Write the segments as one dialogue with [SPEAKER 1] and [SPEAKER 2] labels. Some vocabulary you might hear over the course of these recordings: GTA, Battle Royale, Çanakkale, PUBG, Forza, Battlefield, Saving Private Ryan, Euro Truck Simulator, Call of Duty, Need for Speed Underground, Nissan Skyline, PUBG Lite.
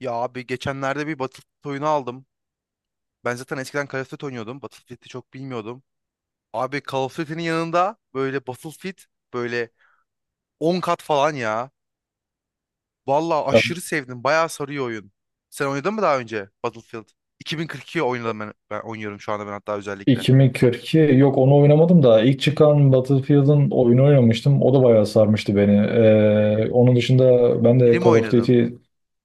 [SPEAKER 1] Ya abi geçenlerde bir Battlefield oyunu aldım. Ben zaten eskiden Call of Duty oynuyordum. Battlefield'i çok bilmiyordum. Abi Call of Duty'nin yanında böyle Battlefield böyle 10 kat falan ya. Vallahi
[SPEAKER 2] Ya
[SPEAKER 1] aşırı sevdim. Bayağı sarıyor oyun. Sen oynadın mı daha önce Battlefield? 2042 oynadım ben, ben oynuyorum şu anda ben hatta özellikle.
[SPEAKER 2] 2042 yok onu oynamadım da ilk çıkan Battlefield'ın oyunu oynamıştım. O da bayağı sarmıştı beni. Onun dışında ben
[SPEAKER 1] Biri
[SPEAKER 2] de
[SPEAKER 1] mi
[SPEAKER 2] Call of
[SPEAKER 1] oynadın?
[SPEAKER 2] Duty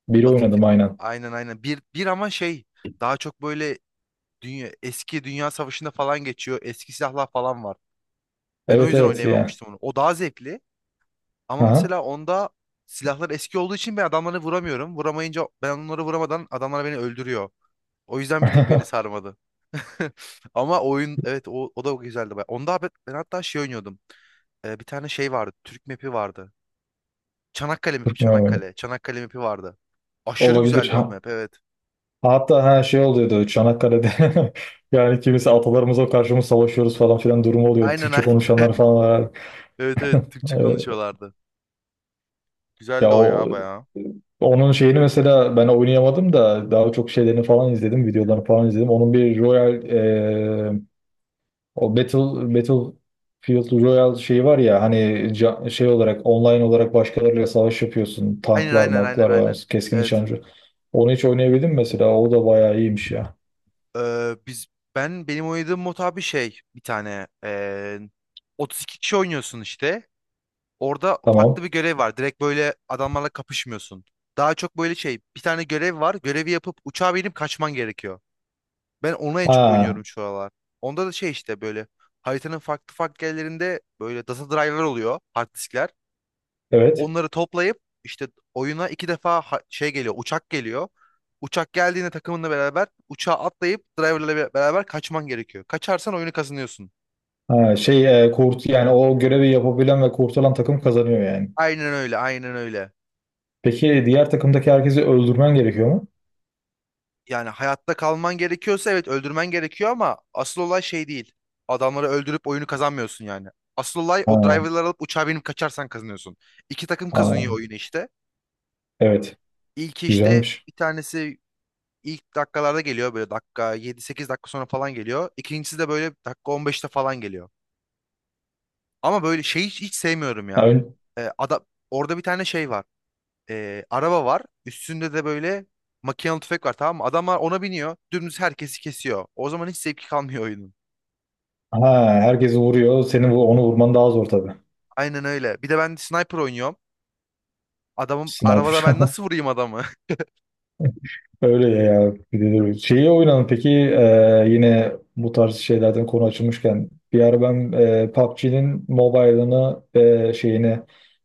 [SPEAKER 2] 1'i oynadım
[SPEAKER 1] Battlefield.
[SPEAKER 2] aynen.
[SPEAKER 1] Aynen, aynen. Bir ama şey daha çok böyle dünya, eski Dünya Savaşı'nda falan geçiyor. Eski silahlar falan var. Ben o
[SPEAKER 2] Evet
[SPEAKER 1] yüzden
[SPEAKER 2] evet ya.
[SPEAKER 1] oynayamamıştım onu. O daha zevkli. Ama
[SPEAKER 2] Aha.
[SPEAKER 1] mesela onda silahlar eski olduğu için ben adamları vuramıyorum. Vuramayınca ben onları vuramadan adamlar beni öldürüyor. O yüzden bir tık beni sarmadı. Ama oyun evet o da güzeldi. Baya. Onda ben hatta şey oynuyordum. Bir tane şey vardı. Türk map'i vardı. Çanakkale map'i,
[SPEAKER 2] Evet.
[SPEAKER 1] Çanakkale. Çanakkale map'i vardı. Aşırı
[SPEAKER 2] Olabilir.
[SPEAKER 1] güzeldi o map, evet.
[SPEAKER 2] Hatta her şey oluyordu Çanakkale'de. Yani kimisi atalarımıza karşı mı savaşıyoruz falan filan durumu oluyordu.
[SPEAKER 1] Aynen,
[SPEAKER 2] Türkçe
[SPEAKER 1] aynen.
[SPEAKER 2] konuşanlar falan var.
[SPEAKER 1] Evet, evet, Türkçe konuşuyorlardı.
[SPEAKER 2] Ya
[SPEAKER 1] Güzeldi o
[SPEAKER 2] o
[SPEAKER 1] ya, bayağı.
[SPEAKER 2] onun şeyini mesela ben oynayamadım da daha çok şeylerini falan izledim, videolarını falan izledim. Onun bir Royal, o Battlefield Royal şeyi var ya hani şey olarak online olarak başkalarıyla savaş yapıyorsun.
[SPEAKER 1] Aynen,
[SPEAKER 2] Tanklar,
[SPEAKER 1] aynen, aynen,
[SPEAKER 2] maklar
[SPEAKER 1] aynen.
[SPEAKER 2] var, keskin
[SPEAKER 1] Evet.
[SPEAKER 2] nişancı. Onu hiç oynayabildim mi mesela. O da bayağı iyiymiş ya.
[SPEAKER 1] Biz Ben benim oynadığım mod abi şey bir tane 32 kişi oynuyorsun işte. Orada farklı
[SPEAKER 2] Tamam.
[SPEAKER 1] bir görev var. Direkt böyle adamlarla kapışmıyorsun. Daha çok böyle şey bir tane görev var. Görevi yapıp uçağa binip kaçman gerekiyor. Ben onu en çok
[SPEAKER 2] Ha,
[SPEAKER 1] oynuyorum şu aralar. Onda da şey işte böyle haritanın farklı farklı yerlerinde böyle data driver oluyor, hard diskler.
[SPEAKER 2] evet.
[SPEAKER 1] Onları toplayıp işte oyuna iki defa şey geliyor, uçak geliyor. Uçak geldiğinde takımınla beraber uçağa atlayıp driverla beraber kaçman gerekiyor. Kaçarsan oyunu kazanıyorsun.
[SPEAKER 2] Ha, şey e, kurt yani o görevi yapabilen ve kurtulan takım kazanıyor yani.
[SPEAKER 1] Aynen öyle, aynen öyle.
[SPEAKER 2] Peki diğer takımdaki herkesi öldürmen gerekiyor mu?
[SPEAKER 1] Yani hayatta kalman gerekiyorsa evet öldürmen gerekiyor ama asıl olay şey değil. Adamları öldürüp oyunu kazanmıyorsun yani. Asıl olay
[SPEAKER 2] Ha,
[SPEAKER 1] o driverları alıp uçağa binip kaçarsan kazanıyorsun. İki takım
[SPEAKER 2] ha,
[SPEAKER 1] kazanıyor oyunu işte.
[SPEAKER 2] evet.
[SPEAKER 1] İlki işte
[SPEAKER 2] Güzelmiş.
[SPEAKER 1] bir tanesi İlk dakikalarda geliyor, böyle dakika 7-8 dakika sonra falan geliyor. İkincisi de böyle dakika 15'te falan geliyor. Ama böyle şey hiç sevmiyorum
[SPEAKER 2] Ha,
[SPEAKER 1] ya.
[SPEAKER 2] ön-
[SPEAKER 1] Ee, ada- Orada bir tane şey var. Araba var. Üstünde de böyle makinalı tüfek var, tamam mı? Adamlar ona biniyor. Dümdüz herkesi kesiyor. O zaman hiç zevki kalmıyor oyunun.
[SPEAKER 2] ha, herkesi vuruyor. Senin onu vurman daha zor tabii.
[SPEAKER 1] Aynen öyle. Bir de ben sniper oynuyorum. Adamım arabada,
[SPEAKER 2] Sniper.
[SPEAKER 1] ben nasıl vurayım adamı?
[SPEAKER 2] Öyle ya. Bir de dur. Şeyi oynadın peki, yine bu tarz şeylerden konu açılmışken bir ara ben PUBG'nin mobile'ını, şeyini,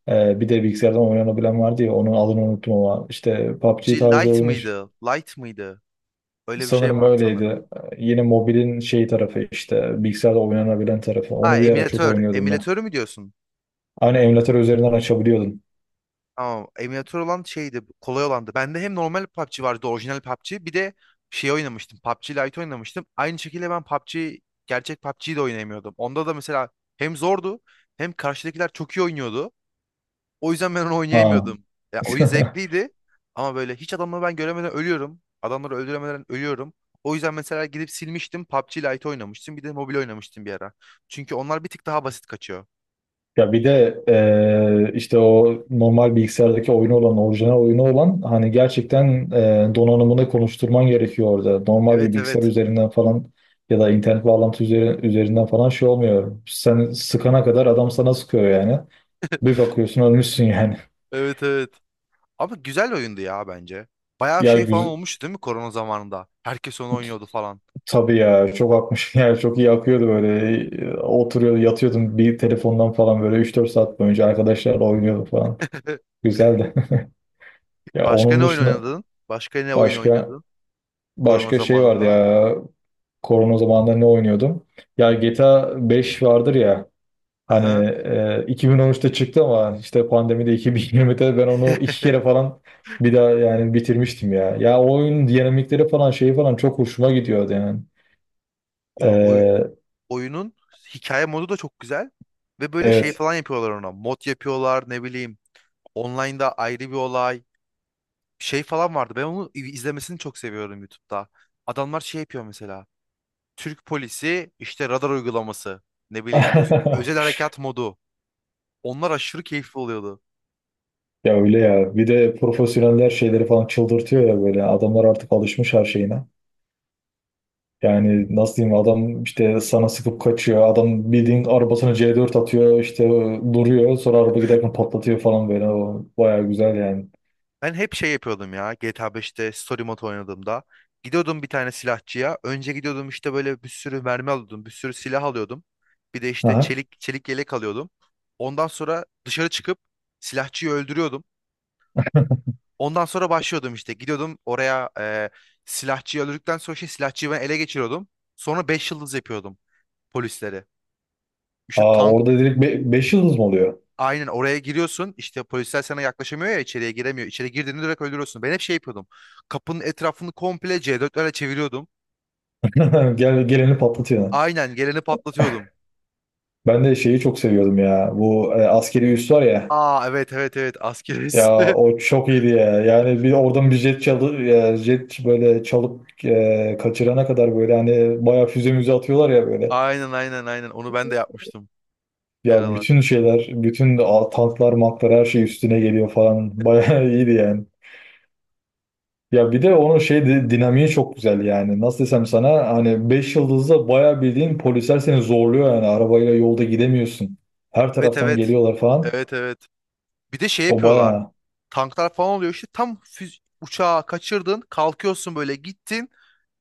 [SPEAKER 2] bir de bilgisayardan oynanabilen vardı ya, onun adını unuttum ama işte PUBG
[SPEAKER 1] G
[SPEAKER 2] tarzı
[SPEAKER 1] Light
[SPEAKER 2] oyun.
[SPEAKER 1] mıydı? Light mıydı? Öyle bir şey
[SPEAKER 2] Sanırım
[SPEAKER 1] var sanırım.
[SPEAKER 2] öyleydi. Yine mobilin şey tarafı, işte bilgisayarda oynanabilen tarafı.
[SPEAKER 1] Ha,
[SPEAKER 2] Onu bir ara çok
[SPEAKER 1] emülatör.
[SPEAKER 2] oynuyordum ben.
[SPEAKER 1] Emülatörü mü diyorsun?
[SPEAKER 2] Aynı emülatör üzerinden açabiliyordum.
[SPEAKER 1] Ama emülatör olan şeydi, kolay olandı. Bende hem normal PUBG vardı, orijinal PUBG. Bir de şey oynamıştım, PUBG Lite oynamıştım. Aynı şekilde ben PUBG, gerçek PUBG'yi de oynayamıyordum. Onda da mesela hem zordu, hem karşıdakiler çok iyi oynuyordu. O yüzden ben onu
[SPEAKER 2] Ha.
[SPEAKER 1] oynayamıyordum. Ya oyun zevkliydi ama böyle hiç adamları ben göremeden ölüyorum. Adamları öldüremeden ölüyorum. O yüzden mesela gidip silmiştim, PUBG Lite oynamıştım. Bir de mobil oynamıştım bir ara. Çünkü onlar bir tık daha basit kaçıyor.
[SPEAKER 2] Ya bir de işte o normal bilgisayardaki oyunu olan, orijinal oyunu olan hani, gerçekten donanımını konuşturman gerekiyor orada. Normal bir
[SPEAKER 1] Evet,
[SPEAKER 2] bilgisayar
[SPEAKER 1] evet.
[SPEAKER 2] üzerinden falan ya da internet bağlantı üzerinden falan şey olmuyor. Sen sıkana kadar adam sana sıkıyor yani. Bir bakıyorsun ölmüşsün yani.
[SPEAKER 1] Evet, evet. Ama güzel oyundu ya, bence. Bayağı şey
[SPEAKER 2] Yer
[SPEAKER 1] falan olmuştu değil mi korona zamanında? Herkes onu oynuyordu falan.
[SPEAKER 2] Tabii ya, çok akmış, yani çok iyi akıyordu böyle. Oturuyordu yatıyordum, bir telefondan falan böyle üç dört saat boyunca arkadaşlarla oynuyordum falan, güzeldi. Ya
[SPEAKER 1] Başka
[SPEAKER 2] onun
[SPEAKER 1] ne oyun
[SPEAKER 2] dışında
[SPEAKER 1] oynadın? Başka ne oyun
[SPEAKER 2] başka
[SPEAKER 1] oynadın korona
[SPEAKER 2] başka şey vardı
[SPEAKER 1] zamanında?
[SPEAKER 2] ya, korona zamanında ne oynuyordum? Ya GTA 5 vardır ya hani,
[SPEAKER 1] Aha.
[SPEAKER 2] 2013'te çıktı ama işte pandemide 2020'de ben onu iki kere falan bir daha, yani bitirmiştim ya. Ya o oyunun dinamikleri falan, şeyi falan çok hoşuma gidiyordu yani.
[SPEAKER 1] Ya
[SPEAKER 2] E,
[SPEAKER 1] oyunun hikaye modu da çok güzel. Ve böyle şey
[SPEAKER 2] evet.
[SPEAKER 1] falan yapıyorlar ona. Mod yapıyorlar, ne bileyim. Online'da ayrı bir olay. Şey falan vardı. Ben onu izlemesini çok seviyorum YouTube'da. Adamlar şey yapıyor mesela. Türk polisi işte radar uygulaması. Ne bileyim özel harekat modu. Onlar aşırı keyifli oluyordu.
[SPEAKER 2] Ya öyle ya. Bir de profesyoneller şeyleri falan çıldırtıyor ya böyle. Adamlar artık alışmış her şeyine. Yani nasıl diyeyim, adam işte sana sıkıp kaçıyor. Adam bildiğin arabasını C4 atıyor işte, duruyor. Sonra araba giderken patlatıyor falan böyle. O bayağı güzel yani.
[SPEAKER 1] Ben hep şey yapıyordum ya GTA 5'te story mode oynadığımda. Gidiyordum bir tane silahçıya. Önce gidiyordum işte böyle bir sürü mermi alıyordum. Bir sürü silah alıyordum. Bir de işte
[SPEAKER 2] Aha.
[SPEAKER 1] çelik yelek alıyordum. Ondan sonra dışarı çıkıp silahçıyı öldürüyordum. Ondan sonra başlıyordum işte. Gidiyordum oraya silahçıyı öldürdükten sonra şey silahçıyı ben ele geçiriyordum. Sonra 5 yıldız yapıyordum polisleri. İşte
[SPEAKER 2] Aa,
[SPEAKER 1] tank.
[SPEAKER 2] orada direkt beş yıldız mı oluyor?
[SPEAKER 1] Aynen, oraya giriyorsun işte, polisler sana yaklaşamıyor ya, içeriye giremiyor. İçeri girdiğinde direkt öldürüyorsun. Ben hep şey yapıyordum. Kapının etrafını komple C4'lerle çeviriyordum.
[SPEAKER 2] Geleni patlatıyor.
[SPEAKER 1] Aynen, geleni patlatıyordum.
[SPEAKER 2] Ben de şeyi çok seviyordum ya. Bu, askeri üs var ya.
[SPEAKER 1] Aa, evet, evet, evet, askeriz.
[SPEAKER 2] Ya o çok iyiydi ya. Yani bir oradan bir jet çalı ya jet böyle çalıp, kaçırana kadar böyle hani bayağı füze müze atıyorlar ya böyle.
[SPEAKER 1] Aynen, aynen, aynen, onu ben de yapmıştım bir
[SPEAKER 2] Ya
[SPEAKER 1] aralar.
[SPEAKER 2] bütün şeyler, tanklar, maklar, her şey üstüne geliyor falan. Bayağı iyiydi yani. Ya bir de onun şey dinamiği çok güzel yani. Nasıl desem sana, hani 5 yıldızda bayağı bildiğin polisler seni zorluyor yani. Arabayla yolda gidemiyorsun. Her
[SPEAKER 1] Evet,
[SPEAKER 2] taraftan
[SPEAKER 1] evet.
[SPEAKER 2] geliyorlar falan.
[SPEAKER 1] Evet, evet. Bir de şey
[SPEAKER 2] O
[SPEAKER 1] yapıyorlar.
[SPEAKER 2] bayağı.
[SPEAKER 1] Tanklar falan oluyor, işte tam füz uçağı kaçırdın, kalkıyorsun böyle, gittin.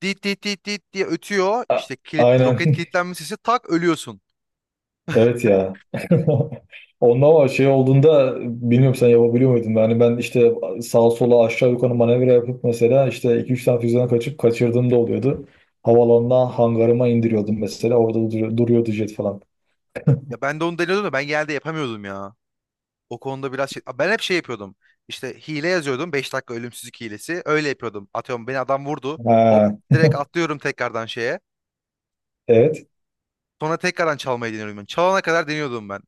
[SPEAKER 1] Dit dit dit dit diye ötüyor.
[SPEAKER 2] A-
[SPEAKER 1] İşte kilit, roket
[SPEAKER 2] aynen.
[SPEAKER 1] kilitlenme sesi, tak ölüyorsun.
[SPEAKER 2] Evet ya. Ondan ama şey olduğunda bilmiyorum, sen yapabiliyor muydun? Yani ben işte sağa sola, aşağı yukarı manevra yapıp mesela, işte iki üç tane füzeden kaçıp kaçırdığım da oluyordu. Havalandan hangarıma indiriyordum mesela. Orada duruyordu jet falan.
[SPEAKER 1] Ya ben de onu deniyordum da ben geldi yapamıyordum ya. O konuda biraz şey... Ben hep şey yapıyordum. İşte hile yazıyordum. 5 dakika ölümsüzlük hilesi. Öyle yapıyordum. Atıyorum, beni adam vurdu. Hop,
[SPEAKER 2] Ha,
[SPEAKER 1] direkt atlıyorum tekrardan şeye.
[SPEAKER 2] evet.
[SPEAKER 1] Sonra tekrardan çalmayı deniyorum ben. Çalana kadar deniyordum ben.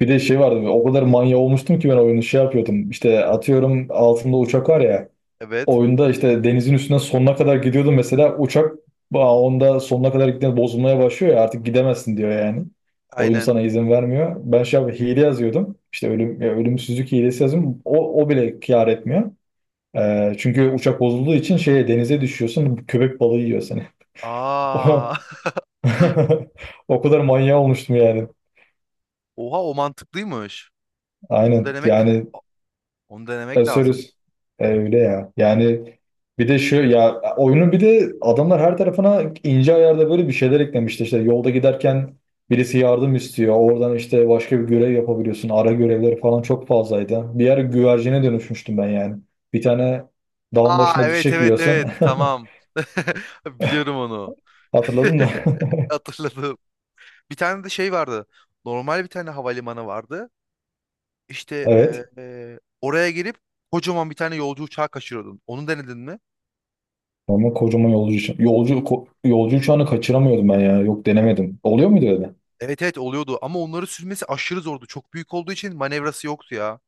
[SPEAKER 2] Bir de şey vardı. O kadar manya olmuştum ki ben oyunu şey yapıyordum. İşte atıyorum, altında uçak var ya.
[SPEAKER 1] Evet.
[SPEAKER 2] Oyunda işte denizin üstüne sonuna kadar gidiyordun mesela uçak onda sonuna kadar gittiğinde bozulmaya başlıyor ya, artık gidemezsin diyor yani. Oyun
[SPEAKER 1] Aynen.
[SPEAKER 2] sana izin vermiyor. Ben şey hile yazıyordum. İşte ölümsüzlük hilesi yazıyorum. O bile kâr etmiyor. Çünkü uçak bozulduğu için şeye, denize düşüyorsun. Köpek balığı yiyor seni.
[SPEAKER 1] Aa.
[SPEAKER 2] O, o kadar manyağı olmuştum yani.
[SPEAKER 1] Oha, o mantıklıymış. Onu
[SPEAKER 2] Aynen
[SPEAKER 1] denemek
[SPEAKER 2] yani.
[SPEAKER 1] A- onu denemek lazım.
[SPEAKER 2] Asurus. Öyle ya. Yani bir de şu ya, oyunun bir de adamlar her tarafına ince ayarda böyle bir şeyler eklemişti. İşte yolda giderken birisi yardım istiyor. Oradan işte başka bir görev yapabiliyorsun. Ara görevleri falan çok fazlaydı. Bir yer güvercine dönüşmüştüm ben yani. Bir tane dağın
[SPEAKER 1] Aa,
[SPEAKER 2] başında bir
[SPEAKER 1] evet,
[SPEAKER 2] çiçek
[SPEAKER 1] evet,
[SPEAKER 2] yiyorsun.
[SPEAKER 1] evet. Tamam. Biliyorum onu.
[SPEAKER 2] Hatırladın mı?
[SPEAKER 1] Hatırladım. Bir tane de şey vardı. Normal bir tane havalimanı vardı. İşte
[SPEAKER 2] Evet.
[SPEAKER 1] oraya gelip kocaman bir tane yolcu uçağı kaçırıyordun. Onu denedin mi?
[SPEAKER 2] Ama kocaman yolcu uçağı. Yolcu uçağını kaçıramıyordum ben ya. Yok, denemedim. Oluyor muydu öyle?
[SPEAKER 1] Evet, evet, oluyordu ama onları sürmesi aşırı zordu. Çok büyük olduğu için manevrası yoktu ya.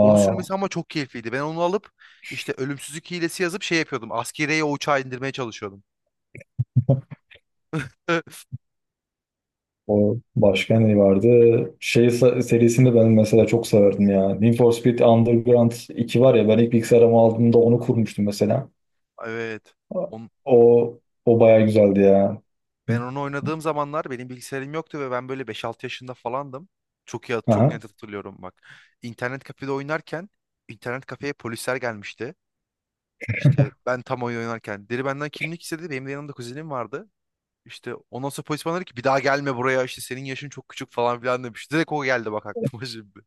[SPEAKER 1] Onu sürmesi ama çok keyifliydi. Ben onu alıp işte ölümsüzlük hilesi yazıp şey yapıyordum. Askeriye o uçağı indirmeye çalışıyordum.
[SPEAKER 2] O, başka ne vardı? Şey serisini ben mesela çok severdim ya. Need for Speed Underground 2 var ya, ben ilk bilgisayarımı aldığımda onu kurmuştum mesela.
[SPEAKER 1] Evet. On,
[SPEAKER 2] O o baya güzeldi ya.
[SPEAKER 1] Ben onu oynadığım zamanlar benim bilgisayarım yoktu ve ben böyle 5-6 yaşında falandım. Çok iyi, çok
[SPEAKER 2] Aha.
[SPEAKER 1] net hatırlıyorum bak. İnternet kafede oynarken internet kafeye polisler gelmişti. İşte ben tam oyun oynarken deri benden kimlik istedi. Benim de yanımda kuzenim vardı. İşte ondan sonra polis bana dedi ki bir daha gelme buraya, işte senin yaşın çok küçük falan filan demiş. Direkt o geldi bak aklıma şimdi.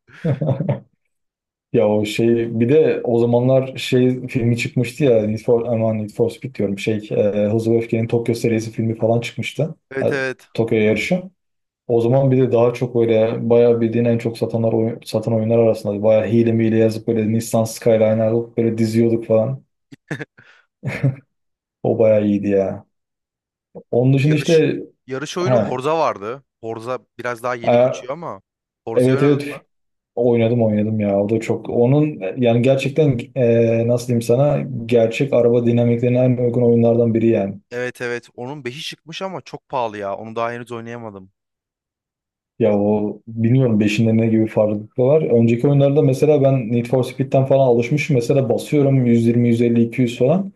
[SPEAKER 2] Ya o şey, bir de o zamanlar şey filmi çıkmıştı ya, Need for, aman, Need for Speed diyorum, şey, Hızlı ve Öfke'nin Tokyo serisi filmi falan çıkmıştı.
[SPEAKER 1] Evet,
[SPEAKER 2] Ha.
[SPEAKER 1] evet.
[SPEAKER 2] Tokyo yarışı. O zaman bir de daha çok böyle bayağı bildiğin en çok satan oyunlar arasında, bayağı hile miyle yazıp böyle Nissan Skyline alıp böyle diziyorduk falan. O bayağı iyiydi ya. Onun dışında
[SPEAKER 1] Yarış
[SPEAKER 2] işte,
[SPEAKER 1] yarış oyunu
[SPEAKER 2] ha,
[SPEAKER 1] Horza vardı. Horza biraz daha yeni
[SPEAKER 2] e,
[SPEAKER 1] kaçıyor ama Horza'yı
[SPEAKER 2] evet
[SPEAKER 1] oynadın
[SPEAKER 2] evet,
[SPEAKER 1] mı?
[SPEAKER 2] oynadım oynadım ya. O da çok, onun yani gerçekten nasıl diyeyim sana, gerçek araba dinamiklerine en uygun oyunlardan biri yani.
[SPEAKER 1] Evet, evet. Onun beşi çıkmış ama çok pahalı ya. Onu daha henüz oynayamadım.
[SPEAKER 2] Ya o bilmiyorum, beşinde ne gibi farklılıklar var. Önceki oyunlarda mesela ben Need for Speed'den falan alışmışım. Mesela basıyorum 120, 150, 200 falan.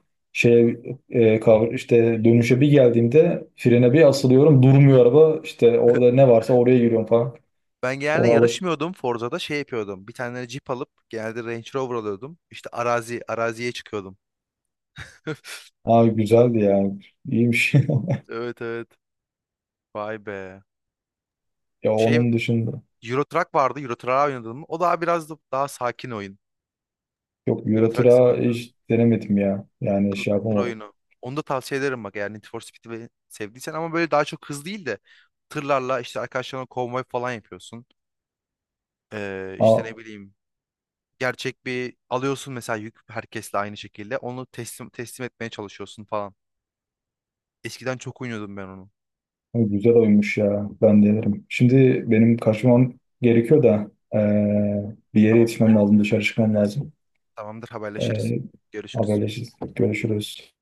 [SPEAKER 1] Hı.
[SPEAKER 2] Şeye, işte dönüşe bir geldiğimde frene bir asılıyorum. Durmuyor araba. İşte orada ne varsa oraya giriyorum falan.
[SPEAKER 1] Ben genelde
[SPEAKER 2] Ona alış.
[SPEAKER 1] yarışmıyordum Forza'da, şey yapıyordum. Bir tane Jeep alıp genelde Range Rover alıyordum. İşte arazi araziye çıkıyordum.
[SPEAKER 2] Ha, güzeldi yani. İyiymiş.
[SPEAKER 1] Evet, evet. Vay be.
[SPEAKER 2] Ya,
[SPEAKER 1] Şey
[SPEAKER 2] onun dışında.
[SPEAKER 1] Euro Truck vardı. Euro Truck'a oynadım, o daha biraz da daha sakin oyun.
[SPEAKER 2] Yok,
[SPEAKER 1] Euro
[SPEAKER 2] Euro
[SPEAKER 1] Truck
[SPEAKER 2] Truck'a
[SPEAKER 1] Simulator.
[SPEAKER 2] hiç denemedim ya. Yani
[SPEAKER 1] Tır,
[SPEAKER 2] şey
[SPEAKER 1] tır
[SPEAKER 2] yapamadım.
[SPEAKER 1] oyunu. Onu da tavsiye ederim bak, eğer Need for Speed'i sevdiysen ama böyle daha çok hız değil de tırlarla işte arkadaşlarına konvoy falan yapıyorsun. İşte
[SPEAKER 2] Ha.
[SPEAKER 1] ne bileyim gerçek bir alıyorsun mesela yük, herkesle aynı şekilde onu teslim etmeye çalışıyorsun falan. Eskiden çok oynuyordum ben onu.
[SPEAKER 2] Ay, güzel oymuş ya. Ben denerim. Şimdi benim kaçmam gerekiyor da, bir yere
[SPEAKER 1] Tamam,
[SPEAKER 2] yetişmem lazım. Dışarı çıkmam lazım.
[SPEAKER 1] tamamdır, haberleşiriz.
[SPEAKER 2] Eee
[SPEAKER 1] Görüşürüz.
[SPEAKER 2] Haberleşiriz. Görüşürüz.